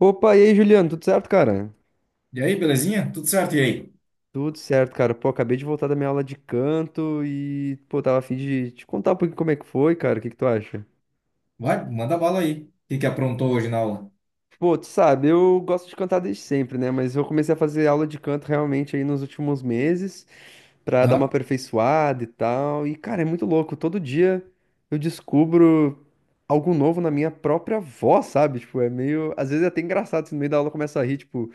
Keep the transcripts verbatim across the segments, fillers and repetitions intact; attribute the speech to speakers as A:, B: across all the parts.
A: Opa, e aí, Juliano, tudo certo, cara?
B: E aí, belezinha? Tudo certo? E aí?
A: Tudo certo, cara. Pô, acabei de voltar da minha aula de canto e, pô, tava a fim de te contar um pouquinho como é que foi, cara. O que que tu acha?
B: Vai, manda bala aí. O que que aprontou hoje na aula?
A: Pô, tu sabe, eu gosto de cantar desde sempre, né? Mas eu comecei a fazer aula de canto realmente aí nos últimos meses pra dar uma
B: Aham.
A: aperfeiçoada e tal. E, cara, é muito louco. Todo dia eu descubro algo novo na minha própria voz, sabe? Tipo, é meio. Às vezes é até engraçado, assim, no meio da aula começa a rir, tipo.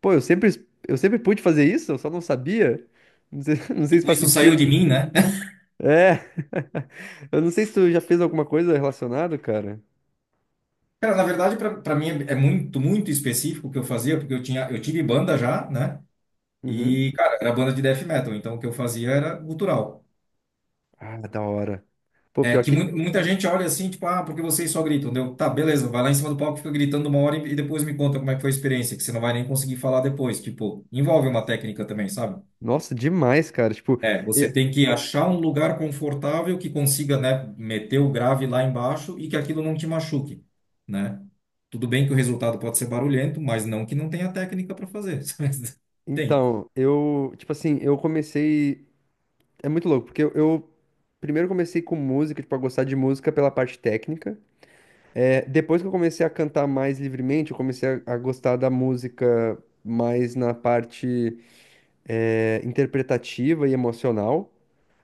A: Pô, eu sempre, eu sempre pude fazer isso, eu só não sabia. Não sei, não sei se
B: Tipo,
A: faz
B: isso saiu de
A: sentido.
B: mim, né?
A: É, eu não sei se tu já fez alguma coisa relacionada, cara.
B: Cara, na verdade, pra pra mim é é muito, muito específico o que eu fazia, porque eu tinha, eu tive banda já, né?
A: Uhum.
B: E, cara, era banda de death metal, então o que eu fazia era gutural.
A: Ah, da hora. Pô,
B: É
A: pior
B: que
A: que.
B: mu- muita gente olha assim, tipo, ah, porque vocês só gritam, deu? Tá, beleza, vai lá em cima do palco, fica gritando uma hora e e depois me conta como é que foi a experiência, que você não vai nem conseguir falar depois. Tipo, envolve uma técnica também, sabe?
A: Nossa, demais, cara. Tipo,
B: É,
A: eu-
B: você tem que achar um lugar confortável que consiga, né, meter o grave lá embaixo e que aquilo não te machuque, né? Tudo bem que o resultado pode ser barulhento, mas não que não tenha técnica para fazer. Sabe? Tem.
A: então, eu. Tipo assim, eu comecei. É muito louco, porque eu, eu primeiro comecei com música, tipo, a gostar de música pela parte técnica. É, depois que eu comecei a cantar mais livremente, eu comecei a, a gostar da música mais na parte. é, interpretativa e emocional.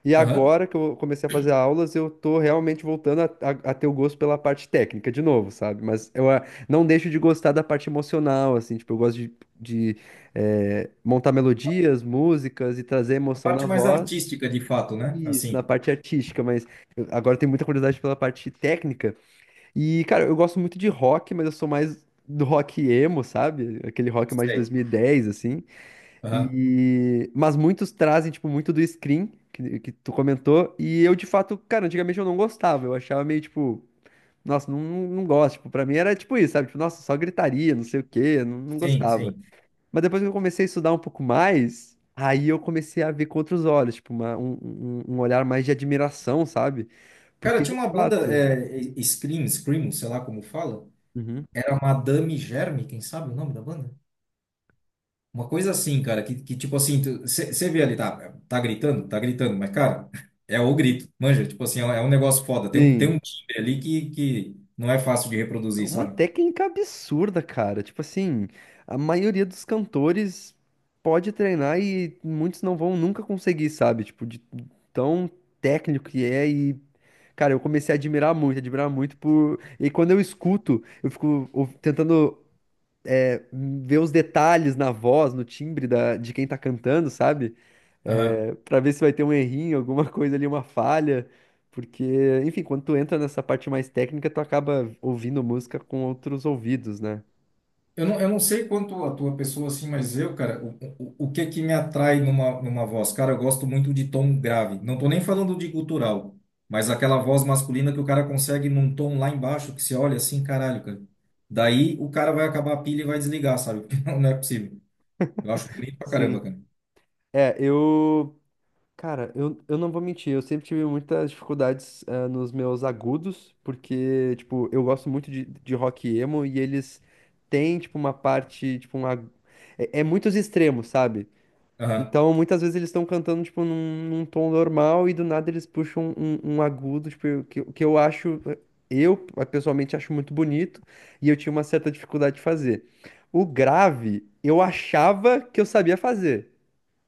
A: E
B: Aham.
A: agora que eu comecei a fazer aulas, eu tô realmente voltando a, a- a ter o gosto pela parte técnica de novo, sabe? Mas eu ah, não deixo de gostar da parte emocional, assim, tipo, eu gosto de, de, eh, montar melodias, músicas e trazer
B: A
A: emoção
B: parte
A: na
B: mais
A: voz.
B: artística, de fato, né?
A: Isso, na
B: Assim.
A: parte artística, mas eu- agora eu tenho muita curiosidade pela parte técnica. E, cara, eu gosto muito de rock, mas eu sou mais do rock emo, sabe? Aquele rock mais de
B: Sei.
A: dois mil e dez, assim.
B: Aham.
A: E... Mas muitos trazem, tipo, muito do screen que, que tu comentou. E eu, de fato, cara, antigamente eu não gostava. Eu achava meio, tipo, nossa, não, não não gosto. Tipo, pra mim era tipo isso, sabe? Tipo, nossa, só gritaria, não sei o quê, não, não
B: Sim,
A: gostava.
B: sim.
A: Mas depois que eu comecei a estudar um pouco mais, aí eu comecei a ver com outros olhos, tipo, uma- um, um, um olhar mais de admiração, sabe?
B: Cara,
A: Porque,
B: tinha
A: de
B: uma banda,
A: fato.
B: é, Scream, Scream, sei lá como fala.
A: Uhum.
B: Era Madame Germe, quem sabe o nome da banda? Uma coisa assim, cara, que, que tipo assim, você vê ali, tá, tá gritando, tá gritando, mas, cara, é o grito, manja, tipo assim, é um é um negócio foda, tem um, tem
A: Sim.
B: um timbre ali que, que não é fácil de
A: É
B: reproduzir,
A: uma
B: sabe?
A: técnica absurda, cara. Tipo assim, a maioria dos cantores pode treinar e muitos não vão nunca conseguir, sabe? Tipo, de tão técnico que é e. Cara, eu comecei a admirar muito, admirar muito por. E quando eu escuto, eu fico ou- tentando ver os detalhes na voz, no timbre da, de quem tá cantando, sabe?
B: Aham.
A: É, para ver se vai ter um errinho, alguma coisa ali, uma falha. Porque, enfim, quando tu entra nessa parte mais técnica, tu acaba ouvindo música com outros ouvidos, né?
B: Eu não, eu não sei quanto a tua pessoa, assim, mas eu, cara, o, o, o que é que me atrai numa, numa voz? Cara, eu gosto muito de tom grave, não tô nem falando de gutural, mas aquela voz masculina que o cara consegue num tom lá embaixo, que você olha assim, caralho, cara. Daí o cara vai acabar a pilha e vai desligar, sabe? Não é possível. Eu acho bonito pra
A: Sim.
B: caramba, cara.
A: É, eu. Cara, eu, eu não vou mentir, eu sempre tive muitas dificuldades, ah, nos meus agudos, porque, tipo, eu gosto muito de, de rock emo e eles têm, tipo, uma parte, tipo, um. agu- É, é muitos extremos, sabe?
B: Aham.
A: Então, muitas vezes eles estão cantando, tipo, num, num tom normal e do nada eles puxam um, um agudo, tipo, que, que eu acho, eu pessoalmente acho muito bonito e eu tinha uma certa dificuldade de fazer. O grave, eu achava que eu sabia fazer.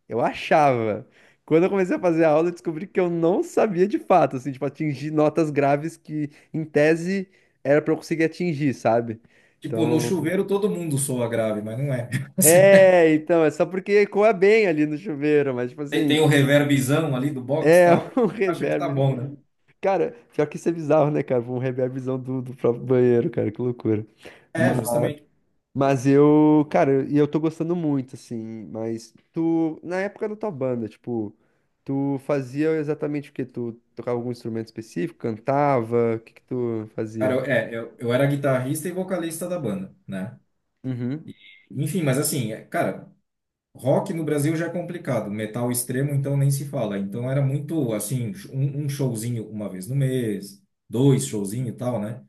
A: Eu achava. Quando eu comecei a fazer a aula, eu descobri que eu não sabia de fato, assim, tipo, atingir notas graves que, em tese, era pra eu conseguir atingir, sabe?
B: Tipo, no
A: Então,
B: chuveiro todo mundo soa grave, mas não é. Assim,
A: é, então, é só porque ecoa bem ali no chuveiro, mas, tipo
B: tem
A: assim.
B: tem o reverbzão ali do box e
A: É,
B: tal,
A: um
B: acha que tá
A: reverb.
B: bom, né?
A: Cara, pior que isso é bizarro, né, cara? Um reverbzão do, do próprio banheiro, cara, que loucura.
B: É,
A: Mas,
B: justamente.
A: mas eu, cara, e eu tô gostando muito, assim. Mas tu, na época da tua banda, tipo, tu fazia exatamente o quê? Tu tocava algum instrumento específico? Cantava? O que que tu
B: Cara,
A: fazia?
B: eu, é, eu, eu era guitarrista e vocalista da banda, né?
A: Uhum.
B: Enfim, mas assim, é, cara, rock no Brasil já é complicado, metal extremo então nem se fala. Então era muito, assim, um, um showzinho uma vez no mês, dois showzinho e tal, né?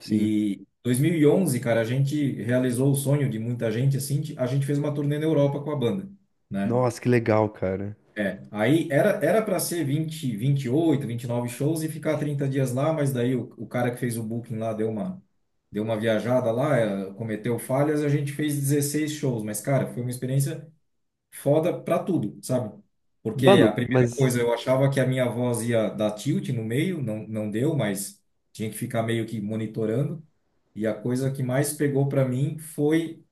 A: Sim.
B: E dois mil e onze, cara, a gente realizou o sonho de muita gente, assim, de- a gente fez uma turnê na Europa com a banda, né?
A: Nossa, que legal, cara.
B: É, aí era era para ser vinte, vinte e oito, vinte e nove shows e ficar trinta dias lá, mas daí o, o cara que fez o booking lá deu uma deu uma viajada lá, eh, cometeu falhas, a gente fez dezesseis shows, mas cara, foi uma experiência foda pra tudo, sabe? Porque a
A: Mano,
B: primeira
A: mas.
B: coisa, eu achava que a minha voz ia dar tilt no meio, não, não deu, mas tinha que ficar meio que monitorando. E a coisa que mais pegou pra mim foi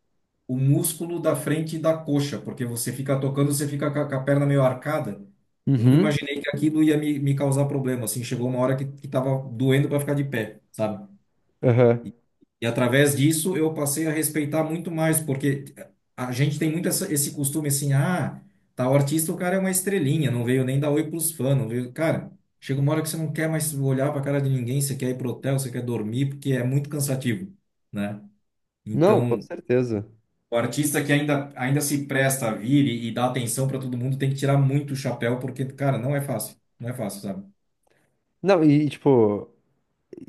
B: o músculo da frente da coxa, porque você fica tocando, você fica com a, com a perna meio arcada. Eu nunca
A: Uhum.
B: imaginei que aquilo ia me, me causar problema, assim, chegou uma hora que, que tava doendo pra ficar de pé, sabe?
A: Aham.
B: E através disso eu passei a respeitar muito mais, porque a gente tem muito essa- esse costume assim, ah, tá, o artista, o cara é uma estrelinha, não veio nem dar oi pros fãs, não veio. Cara, chega uma hora que você não quer mais olhar pra cara de ninguém, você quer ir pro hotel, você quer dormir, porque é muito cansativo, né?
A: Não, com
B: Então,
A: certeza.
B: o artista que ainda, ainda se presta a vir e, e dá atenção pra todo mundo tem que tirar muito o chapéu, porque, cara, não é fácil, não é fácil, sabe?
A: Não, e tipo.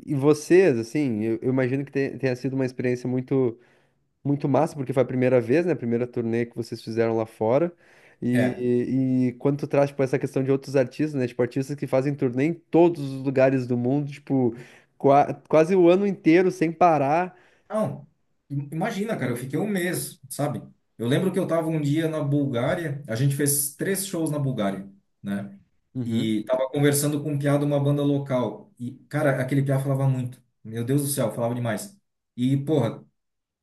A: E vocês, assim, eu, eu imagino que te- tenha sido uma experiência muito, muito massa, porque foi a primeira vez, né? A primeira turnê que vocês fizeram lá fora.
B: É.
A: E, e quando tu traz, tipo, essa questão de outros artistas, né? Tipo, artistas que fazem turnê em todos os lugares do mundo, tipo, qua- quase o ano inteiro sem parar.
B: Não, im- imagina, cara, eu fiquei um mês, sabe? Eu lembro que eu tava um dia na Bulgária, a gente fez três shows na Bulgária, né?
A: Uhum.
B: E tava conversando com um piá de uma banda local. E, cara, aquele piá falava muito. Meu Deus do céu, falava demais. E, porra,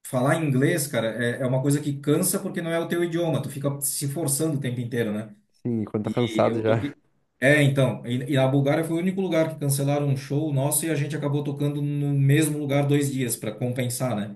B: falar inglês, cara, é, é uma coisa que cansa porque não é o teu idioma. Tu fica se forçando o tempo inteiro, né?
A: Sim, quando tá
B: E
A: cansado
B: eu
A: já.
B: toquei. É, então. E, e a Bulgária foi o único lugar que cancelaram um show nosso e a gente acabou tocando no mesmo lugar dois dias para compensar, né?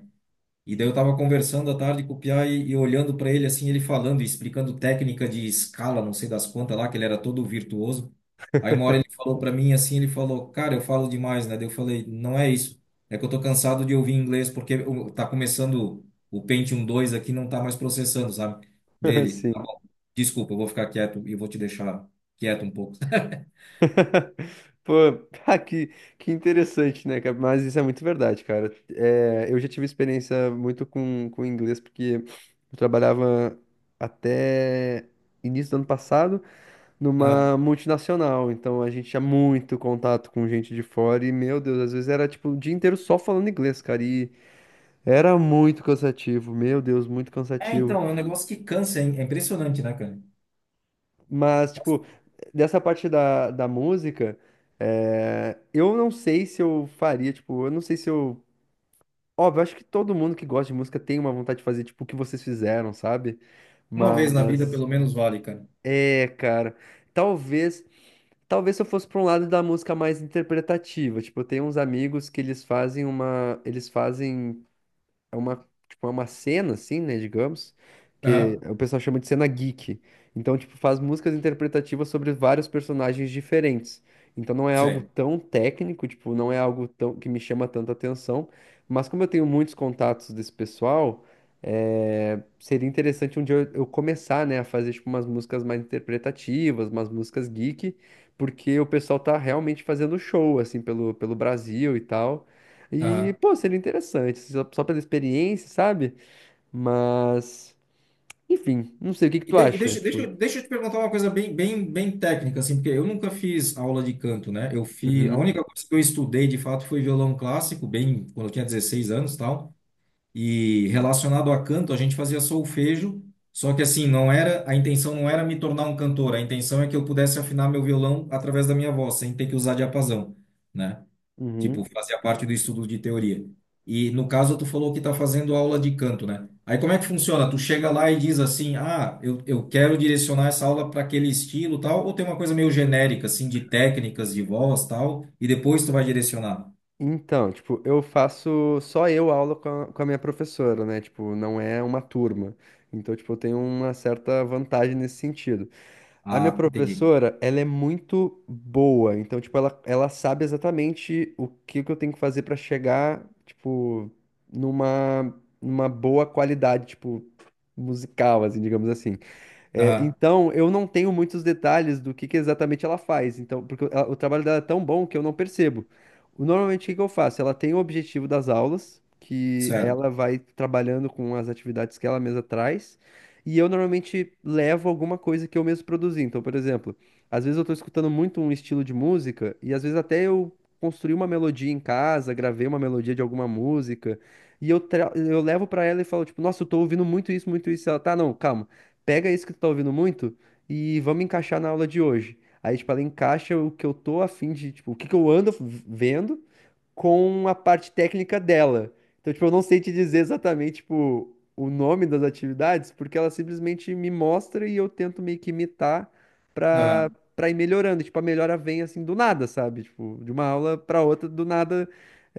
B: E daí eu tava conversando à tarde com o Piá e, e olhando para ele assim, ele falando e explicando técnica de escala, não sei das quantas lá, que ele era todo virtuoso. Aí uma hora ele falou para mim assim, ele falou: "Cara, eu falo demais, né?" Daí eu falei: "Não é isso. É que eu tô cansado de ouvir inglês porque o- tá começando o Pentium dois aqui não tá mais processando, sabe?" Dele: "Tá
A: Sim.
B: bom, desculpa, eu vou ficar quieto e vou te deixar quieto um pouco."
A: Pô, ah, que, que interessante, né, cara? Mas isso é muito verdade, cara. É, eu já tive experiência muito com, com inglês, porque eu trabalhava até início do ano passado
B: Ah,
A: numa multinacional, então a gente tinha muito contato com gente de fora e, meu Deus, às vezes era tipo o dia inteiro só falando inglês, cara, e era muito cansativo, meu Deus, muito
B: é,
A: cansativo.
B: então, é um negócio que cansa, é é impressionante, né, cara?
A: Mas, tipo, dessa parte da, da música. É, eu não sei se eu faria, tipo, eu não sei se eu. Óbvio, acho que todo mundo que gosta de música tem uma vontade de fazer tipo o que vocês fizeram, sabe?
B: Uma vez na vida
A: Mas
B: pelo menos vale, cara.
A: é, cara, talvez, talvez se eu fosse para um lado da música mais interpretativa, tipo, eu tenho uns amigos que eles fazem uma, eles fazem é uma, tipo, é uma cena, assim, né, digamos, que
B: Aham.
A: o pessoal chama de cena geek. Então, tipo, faz músicas interpretativas sobre vários personagens diferentes. Então não é algo
B: Sei.
A: tão técnico, tipo, não é algo tão que me chama tanta atenção, mas como eu tenho muitos contatos desse pessoal, é, seria interessante um dia eu eu começar, né, a fazer tipo umas músicas mais interpretativas, umas músicas geek, porque o pessoal tá realmente fazendo show assim pelo, pelo Brasil e tal. E,
B: Aham.
A: pô, seria interessante, só, só pela experiência, sabe? Mas, enfim, não sei o que que
B: E,
A: tu
B: de- e
A: acha,
B: deixa,
A: tipo,
B: deixa, deixa eu te perguntar uma coisa bem, bem, bem técnica, assim, porque eu nunca fiz aula de canto, né? Eu fiz, a
A: uhum,
B: única coisa que eu estudei de fato foi violão clássico, bem quando eu tinha dezesseis anos, e tal. E relacionado a canto, a gente fazia solfejo, só que assim, não era, a intenção não era me tornar um cantor, a intenção é que eu pudesse afinar meu violão através da minha voz, sem ter que usar diapasão, né? Tipo,
A: uhum.
B: fazia parte do estudo de teoria. E no caso, tu falou que tá fazendo aula de canto, né? Aí como é que funciona? Tu chega lá e diz assim: ah, eu, eu quero direcionar essa aula para aquele estilo, tal, ou tem uma coisa meio genérica, assim, de técnicas de voz, tal, e depois tu vai direcionar.
A: Então, tipo, eu faço só eu aula com a, com a minha professora, né? Tipo, não é uma turma. Então, tipo, eu tenho uma certa vantagem nesse sentido. A minha
B: Ah, entendi.
A: professora, ela é muito boa, então, tipo, ela, ela sabe exatamente o que que eu tenho que fazer pra chegar, tipo, numa, numa boa qualidade, tipo, musical, assim, digamos assim. É,
B: Aham,
A: então, eu não tenho muitos detalhes do que, que exatamente ela faz. Então, porque o ela- o trabalho dela é tão bom que eu não percebo. O- Normalmente, o que, que eu faço? Ela tem o objetivo das aulas, que
B: certo.
A: ela vai trabalhando com as atividades que ela mesma traz, e eu normalmente levo alguma coisa que eu mesmo produzi. Então, por exemplo, às vezes eu estou escutando muito um estilo de música, e às vezes até eu construí uma melodia em casa, gravei uma melodia de alguma música, e eu, tra- eu levo para ela e falo, tipo, nossa, eu tô ouvindo muito isso, muito isso. Ela, tá, não, calma, pega isso que tu tá ouvindo muito e vamos encaixar na aula de hoje. Aí, tipo, ela encaixa o que eu tô a fim de, tipo, o que que eu ando v- vendo com a parte técnica dela. Então, tipo, eu não sei te dizer exatamente, tipo, o nome das atividades, porque ela simplesmente me mostra e eu tento meio que imitar pra,
B: Aham.
A: pra ir melhorando. Tipo, a melhora vem assim do nada, sabe? Tipo, de uma aula pra outra, do nada,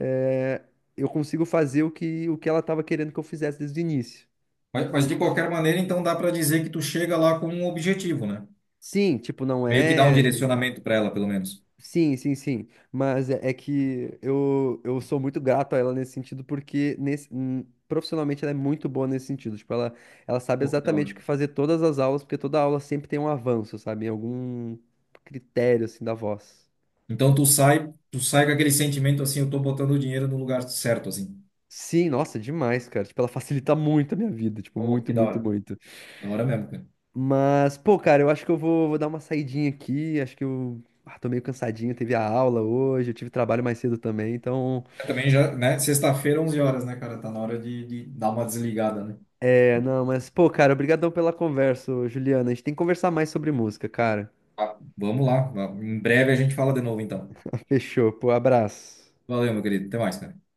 A: é, eu consigo fazer o que, o que ela tava querendo que eu fizesse desde o início.
B: Mas, mas de qualquer maneira, então dá para dizer que tu chega lá com um objetivo, né?
A: Sim, tipo, não
B: Meio que dá um
A: é.
B: direcionamento para ela, pelo menos.
A: Sim, sim, sim. Mas é, é que eu, eu sou muito grato a ela nesse sentido, porque nesse, hum, profissionalmente ela é muito boa nesse sentido. Tipo, ela, ela sabe
B: Pô, que da
A: exatamente o
B: hora.
A: que fazer todas as aulas, porque toda aula sempre tem um avanço, sabe? Em algum critério, assim, da voz.
B: Então tu sai, tu sai com aquele sentimento assim, eu tô botando o dinheiro no lugar certo, assim.
A: Sim, nossa, demais, cara. Tipo, ela facilita muito a minha vida. Tipo,
B: Oh,
A: muito,
B: que da
A: muito,
B: hora.
A: muito.
B: Da hora mesmo, cara.
A: Mas, pô, cara, eu acho que eu vou, vou dar uma saidinha aqui. Acho que eu ah, tô meio cansadinho. Teve a aula hoje, eu tive trabalho mais cedo também, então.
B: É, também já, né? Sexta-feira, onze horas, né, cara? Tá na hora de, de dar uma desligada, né?
A: É, não, mas, pô, cara, obrigadão pela conversa, ô, Juliana. A gente tem que conversar mais sobre música, cara.
B: Ah, vamos lá. Em breve a gente fala de novo, então.
A: Fechou, pô, abraço.
B: Valeu, meu querido. Até mais, cara.